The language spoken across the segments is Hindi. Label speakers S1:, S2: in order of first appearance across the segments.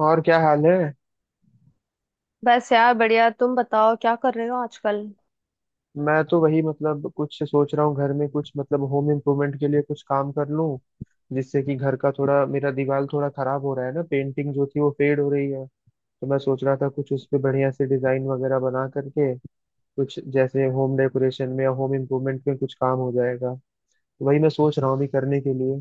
S1: और क्या हाल है।
S2: बस यार बढ़िया। तुम बताओ क्या कर रहे हो आजकल।
S1: मैं तो वही मतलब कुछ सोच रहा हूँ घर में कुछ मतलब होम इम्प्रूवमेंट के लिए कुछ काम कर लूँ, जिससे कि घर का थोड़ा मेरा दीवार थोड़ा खराब हो रहा है ना, पेंटिंग जो थी वो फेड हो रही है। तो मैं सोच रहा था कुछ उस पे बढ़िया से डिजाइन वगैरह बना करके कुछ जैसे होम डेकोरेशन में या होम इम्प्रूवमेंट में कुछ काम हो जाएगा। तो वही मैं सोच रहा हूँ अभी करने के लिए।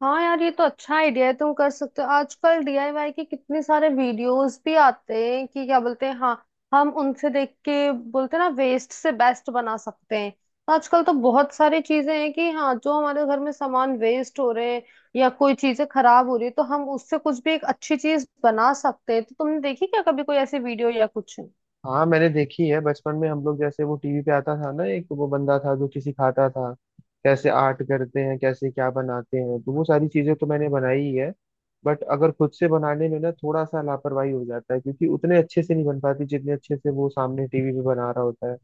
S2: हाँ यार, ये तो अच्छा आइडिया है। तुम कर सकते हो। आजकल डीआईवाई के कितने सारे वीडियोस भी आते हैं कि क्या बोलते हैं, हाँ। हम उनसे देख के बोलते हैं ना, वेस्ट से बेस्ट बना सकते हैं। आजकल तो बहुत सारी चीजें हैं कि हाँ, जो हमारे घर में सामान वेस्ट हो रहे हैं। या कोई चीजें खराब हो रही है, तो हम उससे कुछ भी एक अच्छी चीज बना सकते हैं। तो तुमने देखी क्या कभी कोई ऐसी वीडियो या कुछ।
S1: हाँ मैंने देखी है, बचपन में हम लोग जैसे वो टीवी पे आता था ना, एक वो बंदा था जो किसी खाता था, कैसे आर्ट करते हैं, कैसे क्या बनाते हैं, तो वो सारी चीजें तो मैंने बनाई ही है। बट अगर खुद से बनाने में ना थोड़ा सा लापरवाही हो जाता है, क्योंकि उतने अच्छे से नहीं बन पाती जितने अच्छे से वो सामने टीवी पे बना रहा होता है।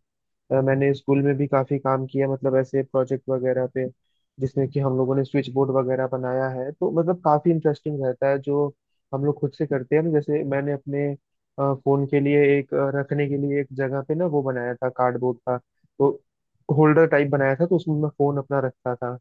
S1: मैंने स्कूल में भी काफी काम किया, मतलब ऐसे प्रोजेक्ट वगैरह पे, जिसमें कि हम लोगों ने स्विच बोर्ड वगैरह बनाया है। तो मतलब काफी इंटरेस्टिंग रहता है जो हम लोग खुद से करते हैं ना। जैसे मैंने अपने फोन के लिए एक रखने के लिए एक जगह पे ना वो बनाया था कार्डबोर्ड का, तो होल्डर टाइप बनाया था, तो उसमें मैं फोन अपना रखता था।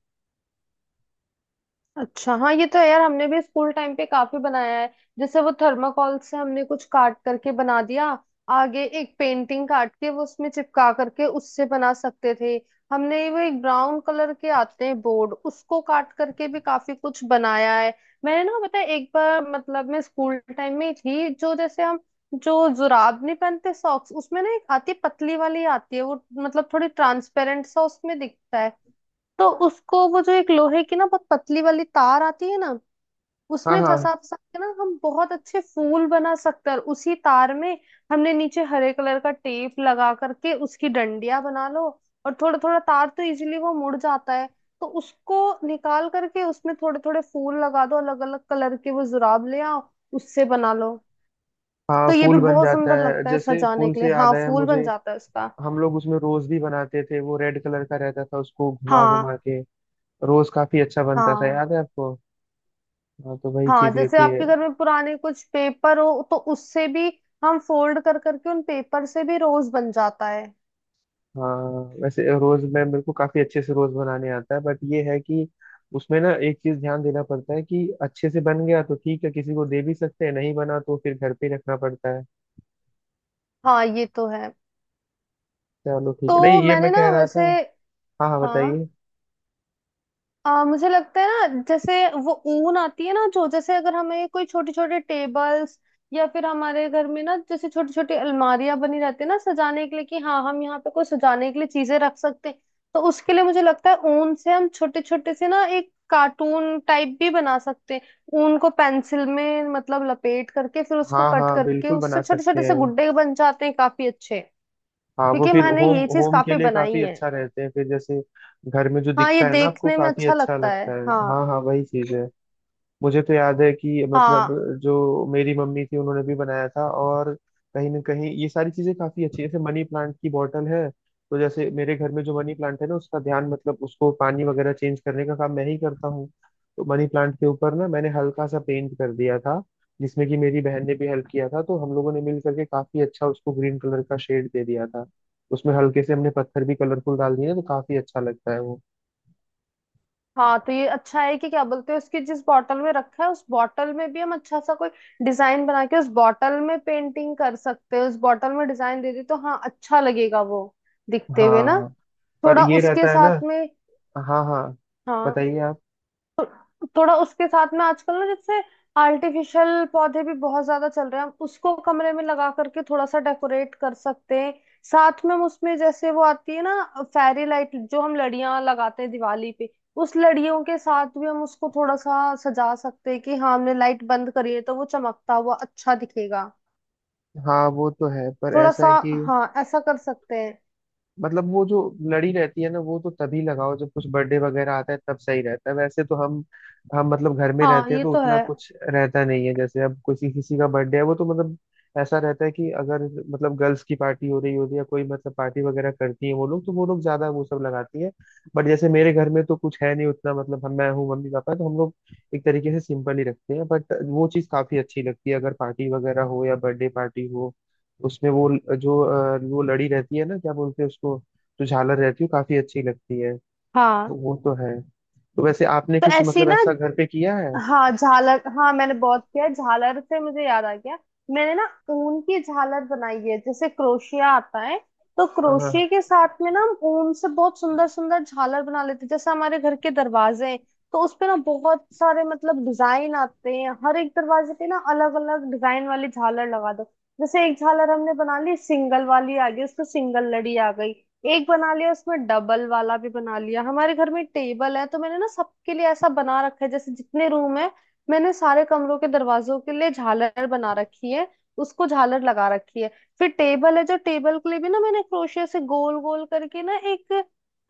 S2: अच्छा। हाँ ये तो है यार, हमने भी स्कूल टाइम पे काफी बनाया है। जैसे वो थर्माकोल से हमने कुछ काट करके बना दिया। आगे एक पेंटिंग काट के वो उसमें चिपका करके उससे बना सकते थे। हमने वो एक ब्राउन कलर के आते हैं बोर्ड, उसको काट करके भी काफी कुछ बनाया है। मैंने ना, पता है, एक बार मतलब मैं स्कूल टाइम में ही थी। जो जैसे हम जो जुराब नहीं पहनते सॉक्स, उसमें ना एक आती है पतली वाली आती है, वो मतलब थोड़ी ट्रांसपेरेंट सा उसमें दिखता है। तो उसको, वो जो एक लोहे की ना बहुत पतली वाली तार आती है ना,
S1: हाँ
S2: उसमें
S1: हाँ।
S2: फंसा फंसा के ना, हम बहुत अच्छे फूल बना सकते हैं। और उसी तार में हमने नीचे हरे कलर का टेप लगा करके उसकी डंडियां बना लो। और थोड़ा थोड़ा तार तो इजीली वो मुड़ जाता है। तो उसको निकाल करके उसमें थोड़े थोड़े फूल लगा दो अलग अलग कलर के, वो जुराब ले आओ। उससे बना लो।
S1: हाँ
S2: तो ये भी
S1: फूल बन
S2: बहुत
S1: जाता
S2: सुंदर
S1: है।
S2: लगता है
S1: जैसे
S2: सजाने
S1: फूल
S2: के
S1: से
S2: लिए।
S1: याद
S2: हाँ
S1: आया
S2: फूल
S1: मुझे,
S2: बन जाता है उसका।
S1: हम लोग उसमें रोज भी बनाते थे, वो रेड कलर का रहता था, उसको घुमा घुमा
S2: हाँ,
S1: के रोज काफी अच्छा बनता था।
S2: हाँ,
S1: याद है आपको? हाँ, तो वही
S2: हाँ,
S1: चीजें
S2: जैसे
S1: थी।
S2: आपके घर में पुराने कुछ पेपर हो तो उससे भी हम फोल्ड कर करके उन पेपर से भी रोज बन जाता है।
S1: हाँ वैसे रोज मैं मेरे को काफी अच्छे से रोज बनाने आता है, बट ये है कि उसमें ना एक चीज ध्यान देना पड़ता है कि अच्छे से बन गया तो ठीक है, किसी को दे भी सकते हैं, नहीं बना तो फिर घर पे ही रखना पड़ता है।
S2: हाँ ये तो है।
S1: चलो ठीक है, नहीं
S2: तो
S1: ये
S2: मैंने
S1: मैं
S2: ना
S1: कह रहा था।
S2: वैसे
S1: हाँ हाँ
S2: हाँ।
S1: बताइए।
S2: मुझे लगता है ना, जैसे वो ऊन आती है ना, जो जैसे अगर हमें कोई छोटे छोटे टेबल्स या फिर हमारे घर में ना, जैसे छोटी छोटी अलमारियां बनी रहती है ना सजाने के लिए कि हाँ हम यहाँ पे कोई सजाने के लिए चीजें रख सकते हैं। तो उसके लिए मुझे लगता है ऊन से हम छोटे छोटे से ना एक कार्टून टाइप भी बना सकते हैं। ऊन को पेंसिल में मतलब लपेट करके फिर उसको
S1: हाँ
S2: कट
S1: हाँ
S2: करके
S1: बिल्कुल बना
S2: उससे छोटे
S1: सकते
S2: छोटे से
S1: हैं।
S2: गुड्डे बन जाते हैं काफी अच्छे।
S1: हाँ वो
S2: क्योंकि
S1: फिर
S2: मैंने
S1: होम
S2: ये चीज
S1: होम के
S2: काफी
S1: लिए काफी
S2: बनाई है।
S1: अच्छा रहते हैं फिर, जैसे घर में जो
S2: हाँ ये
S1: दिखता है ना आपको
S2: देखने में
S1: काफी
S2: अच्छा
S1: अच्छा
S2: लगता है।
S1: लगता है। हाँ
S2: हाँ।
S1: हाँ वही चीज है। मुझे तो याद है कि मतलब
S2: हाँ,
S1: जो मेरी मम्मी थी उन्होंने भी बनाया था। और कहीं ना कहीं ये सारी चीजें काफी अच्छी है, जैसे मनी प्लांट की बॉटल है। तो जैसे मेरे घर में जो मनी प्लांट है ना, उसका ध्यान मतलब उसको पानी वगैरह चेंज करने का काम मैं ही करता हूँ। तो मनी प्लांट के ऊपर ना मैंने हल्का सा पेंट कर दिया था, जिसमें कि मेरी बहन ने भी हेल्प किया था। तो हम लोगों ने मिल करके काफी अच्छा उसको ग्रीन कलर का शेड दे दिया था। उसमें हल्के से हमने पत्थर भी कलरफुल डाल दिए ना, तो काफी अच्छा लगता है वो।
S2: हाँ, तो ये अच्छा है कि क्या बोलते हैं, उसकी जिस बॉटल में रखा है उस बॉटल में भी हम अच्छा सा कोई डिजाइन बना के उस बॉटल में पेंटिंग कर सकते हैं। उस बॉटल में डिजाइन दे दे तो हाँ, अच्छा लगेगा वो दिखते हुए ना।
S1: हाँ पर
S2: थोड़ा
S1: ये
S2: उसके
S1: रहता है ना।
S2: साथ में।
S1: हाँ हाँ
S2: हाँ।
S1: बताइए आप।
S2: थोड़ा उसके साथ में आजकल ना, जैसे आर्टिफिशियल पौधे भी बहुत ज्यादा चल रहे हैं। हम उसको कमरे में लगा करके थोड़ा सा डेकोरेट कर सकते हैं। साथ में हम उसमें जैसे वो आती है ना, फेरी लाइट जो हम लड़ियां लगाते हैं दिवाली पे, उस लड़ियों के साथ भी हम उसको थोड़ा सा सजा सकते हैं कि हाँ, हमने लाइट बंद करी है तो वो चमकता हुआ अच्छा दिखेगा।
S1: हाँ वो तो है, पर
S2: थोड़ा
S1: ऐसा
S2: सा।
S1: है कि
S2: हाँ, ऐसा कर सकते हैं।
S1: मतलब वो जो लड़ी रहती है ना, वो तो तभी लगाओ जब कुछ बर्थडे वगैरह आता है, तब सही रहता है, वैसे तो हम मतलब घर में
S2: हाँ
S1: रहते हैं
S2: ये
S1: तो
S2: तो
S1: उतना
S2: है।
S1: कुछ रहता नहीं है। जैसे अब किसी किसी का बर्थडे है, वो तो मतलब ऐसा रहता है कि अगर मतलब गर्ल्स की पार्टी हो रही होती है या कोई मतलब पार्टी वगैरह करती है वो लोग, तो वो लोग ज्यादा वो सब लगाती है। बट जैसे मेरे घर में तो कुछ है नहीं उतना, मतलब हम मैं हूँ, मम्मी पापा, तो हम लोग एक तरीके से सिंपल ही रखते हैं। बट वो चीज़ काफी अच्छी लगती है अगर पार्टी वगैरह हो या बर्थडे पार्टी हो, उसमें वो जो वो लड़ी रहती है ना, क्या बोलते हैं उसको, जो झालर रहती है, वो काफी अच्छी लगती है।
S2: हाँ,
S1: तो वो तो है। तो वैसे आपने
S2: तो
S1: कुछ
S2: ऐसी
S1: मतलब
S2: ना।
S1: ऐसा घर पे किया है?
S2: हाँ झालर। हाँ, मैंने बहुत किया है। झालर से मुझे याद आ गया। मैंने ना ऊन की झालर बनाई है। जैसे क्रोशिया आता है। तो क्रोशिया
S1: हाँ
S2: के साथ में ना, हम ऊन से बहुत सुंदर सुंदर झालर बना लेते हैं। जैसे हमारे घर के दरवाजे हैं, तो उस पे ना बहुत सारे मतलब डिजाइन आते हैं। हर एक दरवाजे पे ना अलग अलग डिजाइन वाली झालर लगा दो। जैसे एक झालर हमने बना ली सिंगल वाली आ गई, उसको सिंगल लड़ी आ गई। एक बना लिया, उसमें डबल वाला भी बना लिया। हमारे घर में टेबल है तो मैंने ना सबके लिए ऐसा बना रखा है, जैसे जितने रूम है मैंने सारे कमरों के दरवाजों के लिए झालर बना रखी है। उसको झालर लगा रखी है। फिर टेबल है, जो टेबल के लिए भी ना मैंने क्रोशिया से गोल गोल करके ना एक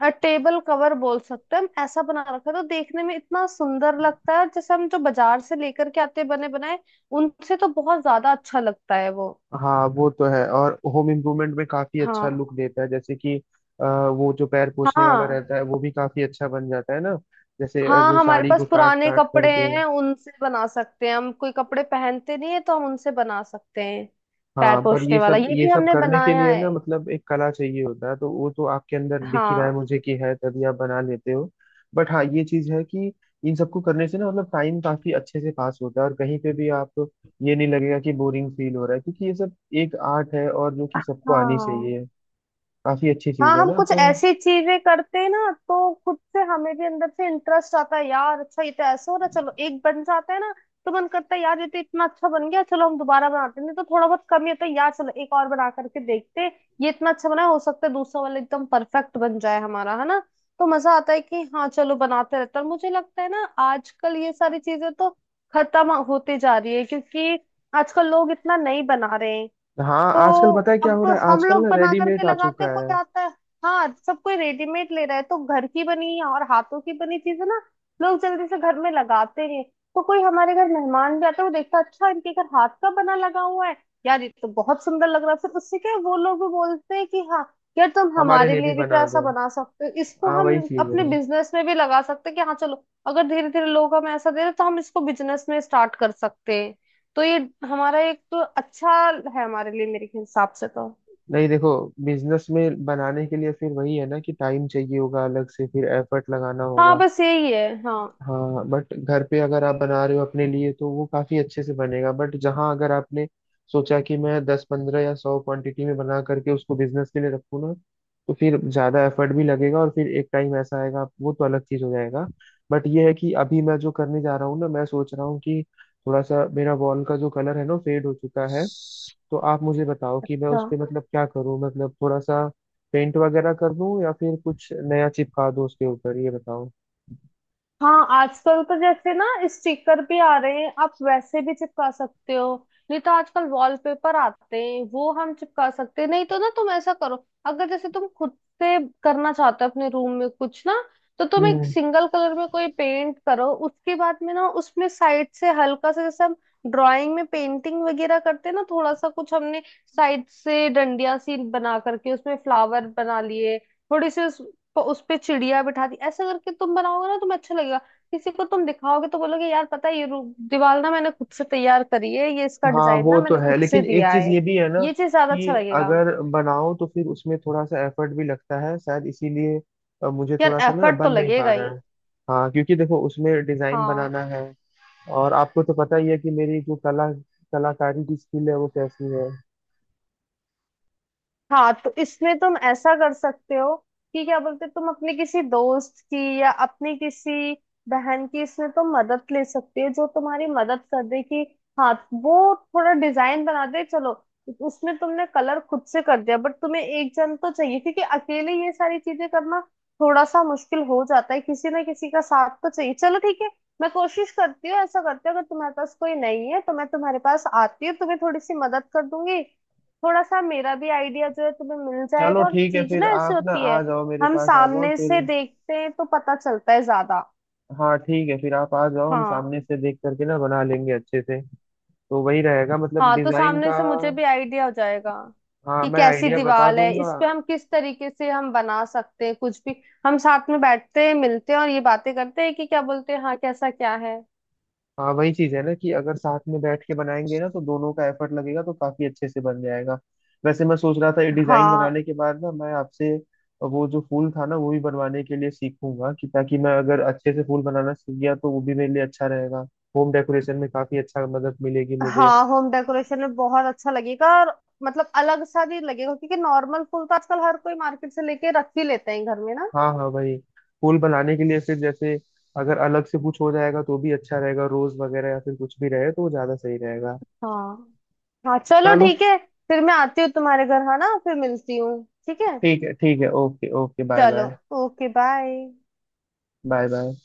S2: टेबल कवर बोल सकते हैं हम। ऐसा बना रखा है तो देखने में इतना सुंदर लगता है। और जैसे हम जो बाजार से लेकर के आते हैं बने बनाए, उनसे तो बहुत ज्यादा अच्छा लगता है वो।
S1: हाँ वो तो है, और होम इम्प्रूवमेंट में काफी अच्छा
S2: हाँ,
S1: लुक देता है। जैसे कि वो जो पैर पोछने वाला
S2: हाँ,
S1: रहता है वो भी काफी अच्छा बन जाता है ना, जैसे
S2: हाँ,
S1: जो
S2: हमारे
S1: साड़ी को
S2: पास
S1: काट
S2: पुराने
S1: काट
S2: कपड़े
S1: करके।
S2: हैं, उनसे बना सकते हैं। हम कोई कपड़े पहनते नहीं है तो हम उनसे बना सकते हैं। पैर
S1: हाँ पर ये
S2: पोछने वाला
S1: सब
S2: ये
S1: ये
S2: भी
S1: सब
S2: हमने
S1: करने के
S2: बनाया
S1: लिए
S2: है।
S1: ना मतलब एक कला चाहिए होता है, तो वो तो आपके अंदर दिख ही रहा है
S2: हाँ।
S1: मुझे कि है, तभी आप बना लेते हो। बट हाँ ये चीज है कि इन सबको करने से ना मतलब टाइम काफी अच्छे से पास होता है, और कहीं पे भी आप ये नहीं लगेगा कि बोरिंग फील हो रहा है, क्योंकि ये सब एक आर्ट है और जो कि सबको आनी
S2: हाँ,
S1: चाहिए। काफी अच्छी चीज
S2: हाँ,
S1: है
S2: हम
S1: ना
S2: कुछ
S1: तो।
S2: ऐसी चीजें करते हैं ना तो खुद से हमें भी अंदर से इंटरेस्ट आता है। यार अच्छा, ये तो ऐसा हो रहा है, चलो एक बन जाता है ना। तो मन करता है यार, ये तो इतना अच्छा बन गया, चलो हम दोबारा बनाते हैं। नहीं तो थोड़ा बहुत कमी होता है यार, चलो एक और बना करके देखते हैं। ये इतना अच्छा बना है, हो सकता है दूसरा वाला एकदम परफेक्ट बन जाए हमारा, है ना। तो मजा आता है कि हाँ, चलो बनाते रहते हैं। और मुझे लगता है ना आजकल ये सारी चीजें तो खत्म होती जा रही है, क्योंकि आजकल लोग इतना नहीं बना रहे हैं।
S1: हाँ आजकल
S2: तो
S1: पता है क्या
S2: अब
S1: हो रहा है,
S2: हम
S1: आजकल
S2: लोग
S1: ना
S2: बना करके
S1: रेडीमेड आ
S2: लगाते,
S1: चुका
S2: कोई
S1: है।
S2: आता है। हाँ, सब कोई रेडीमेड ले रहा है तो घर की बनी और हाथों की बनी चीजें ना लोग जल्दी से घर में लगाते हैं। तो कोई हमारे घर मेहमान भी आता है वो देखता है, अच्छा इनके घर हाथ का बना लगा हुआ है। यार ये तो बहुत सुंदर लग रहा है। फिर उससे क्या है, वो लोग भी बोलते हैं कि हाँ, यार तुम
S1: हमारे
S2: हमारे
S1: लिए भी
S2: लिए भी तो
S1: बना
S2: ऐसा
S1: दो।
S2: बना सकते हो। इसको
S1: हाँ
S2: हम
S1: वही चीज है।
S2: अपने बिजनेस में भी लगा सकते हैं कि हाँ चलो, अगर धीरे धीरे लोग हमें ऐसा दे रहे हैं, तो हम इसको बिजनेस में स्टार्ट कर सकते हैं। तो ये हमारा एक तो अच्छा है हमारे लिए, मेरे हिसाब से तो।
S1: नहीं देखो, बिजनेस में बनाने के लिए फिर वही है ना कि टाइम चाहिए होगा अलग से, फिर एफर्ट लगाना
S2: हाँ
S1: होगा।
S2: बस यही है हाँ।
S1: हाँ बट घर पे अगर आप बना रहे हो अपने लिए तो वो काफी अच्छे से बनेगा, बट जहाँ अगर आपने सोचा कि मैं 10 15 या 100 क्वांटिटी में बना करके उसको बिजनेस के लिए रखूँ ना, तो फिर ज्यादा एफर्ट भी लगेगा और फिर एक टाइम ऐसा आएगा वो तो अलग चीज हो जाएगा। बट ये है कि अभी मैं जो करने जा रहा हूँ ना, मैं सोच रहा हूँ कि थोड़ा सा मेरा वॉल का जो कलर है ना फेड हो चुका है। तो आप मुझे बताओ कि मैं
S2: अच्छा।
S1: उस पे मतलब क्या करूँ, मतलब थोड़ा सा पेंट वगैरह कर दूं या फिर कुछ नया चिपका दूं उसके ऊपर, ये बताओ।
S2: हाँ, आजकल तो जैसे ना स्टिकर भी आ रहे हैं, आप वैसे भी चिपका सकते हो। नहीं तो आजकल वॉलपेपर आते हैं, वो हम चिपका सकते हैं। नहीं तो ना तुम ऐसा करो, अगर जैसे तुम खुद से करना चाहते हो अपने रूम में कुछ ना, तो तुम एक
S1: हम्म।
S2: सिंगल कलर में कोई पेंट करो, उसके बाद में ना उसमें साइड से हल्का सा जैसे हम ड्राइंग में पेंटिंग वगैरह करते हैं ना, थोड़ा सा कुछ हमने साइड से डंडिया सी बना करके उसमें फ्लावर बना लिए। थोड़ी सी उस तो उस पे चिड़िया बिठा दी। ऐसा करके तुम बनाओगे ना तुम्हें अच्छा लगेगा। किसी को तुम दिखाओगे तो बोलोगे यार पता है ये दीवार ना मैंने खुद से तैयार करी है। ये इसका
S1: हाँ
S2: डिजाइन
S1: वो
S2: ना
S1: तो
S2: मैंने
S1: है,
S2: खुद से
S1: लेकिन एक
S2: दिया
S1: चीज
S2: है।
S1: ये भी है ना
S2: ये चीज ज्यादा
S1: कि
S2: अच्छा लगेगा।
S1: अगर बनाओ तो फिर उसमें थोड़ा सा एफर्ट भी लगता है, शायद इसीलिए मुझे
S2: यार
S1: थोड़ा सा ना
S2: एफर्ट तो
S1: बन नहीं पा
S2: लगेगा
S1: रहा
S2: ही।
S1: है। हाँ क्योंकि देखो उसमें डिजाइन
S2: हाँ।
S1: बनाना है, और आपको तो पता ही है कि मेरी जो कला कलाकारी की स्किल है वो कैसी है।
S2: हाँ, तो इसमें तुम ऐसा कर सकते हो कि क्या बोलते हैं, तुम अपने किसी दोस्त की या अपनी किसी बहन की इसमें तुम मदद ले सकती हो जो तुम्हारी मदद कर दे कि हाँ, वो थोड़ा डिजाइन बना दे, चलो। उसमें तुमने कलर खुद से कर दिया बट तुम्हें एक जन तो चाहिए, क्योंकि अकेले ये सारी चीजें करना थोड़ा सा मुश्किल हो जाता है, किसी ना किसी का साथ तो चाहिए। चलो ठीक है। मैं कोशिश करती हूँ, ऐसा करती हूँ, अगर तुम्हारे पास कोई नहीं है तो मैं तुम्हारे पास आती हूँ, तुम्हें थोड़ी सी मदद कर दूंगी। थोड़ा सा मेरा भी आइडिया जो है तुम्हें मिल
S1: चलो
S2: जाएगा, और
S1: ठीक है,
S2: चीज
S1: फिर
S2: ना ऐसी
S1: आप ना
S2: होती है।
S1: आ जाओ, मेरे
S2: हम
S1: पास आ जाओ
S2: सामने
S1: फिर।
S2: से देखते हैं तो पता चलता है ज्यादा।
S1: हाँ ठीक है, फिर आप आ जाओ, हम
S2: हाँ।
S1: सामने से देख करके ना बना लेंगे अच्छे से। तो वही रहेगा मतलब
S2: हाँ, तो
S1: डिजाइन का।
S2: सामने से मुझे भी आइडिया हो जाएगा
S1: हाँ
S2: कि
S1: मैं
S2: कैसी
S1: आइडिया बता
S2: दीवार है,
S1: दूंगा।
S2: इस पे हम किस तरीके से हम बना सकते हैं कुछ भी। हम साथ में बैठते हैं, मिलते हैं और ये बातें करते हैं कि क्या बोलते हैं, हाँ कैसा क्या है।
S1: हाँ वही चीज है ना, कि अगर साथ में बैठ के बनाएंगे ना तो दोनों का एफर्ट लगेगा, तो काफी अच्छे से बन जाएगा। वैसे मैं सोच रहा था ये डिजाइन
S2: हाँ।
S1: बनाने के बाद ना मैं आपसे वो जो फूल था ना वो भी बनवाने के लिए सीखूंगा, कि ताकि मैं अगर अच्छे से फूल बनाना सीख गया तो वो भी मेरे लिए अच्छा रहेगा, होम डेकोरेशन में काफी अच्छा मदद मिलेगी मुझे।
S2: हाँ, होम डेकोरेशन में बहुत अच्छा लगेगा और मतलब अलग सा भी लगेगा, क्योंकि नॉर्मल फूल तो आजकल हर कोई मार्केट से लेके रख ही लेते हैं घर में ना।
S1: हाँ हाँ भाई। पुल बनाने के लिए फिर जैसे अगर अलग से कुछ हो जाएगा तो भी अच्छा रहेगा, रोज वगैरह या फिर कुछ भी रहे तो वो ज्यादा सही रहेगा।
S2: हाँ। हाँ चलो
S1: चलो
S2: ठीक है। फिर मैं आती हूँ तुम्हारे घर, है ना, फिर मिलती हूँ ठीक है।
S1: ठीक है। ठीक है, ओके ओके, बाय
S2: चलो।
S1: Bye.
S2: Okay bye.
S1: Bye bye.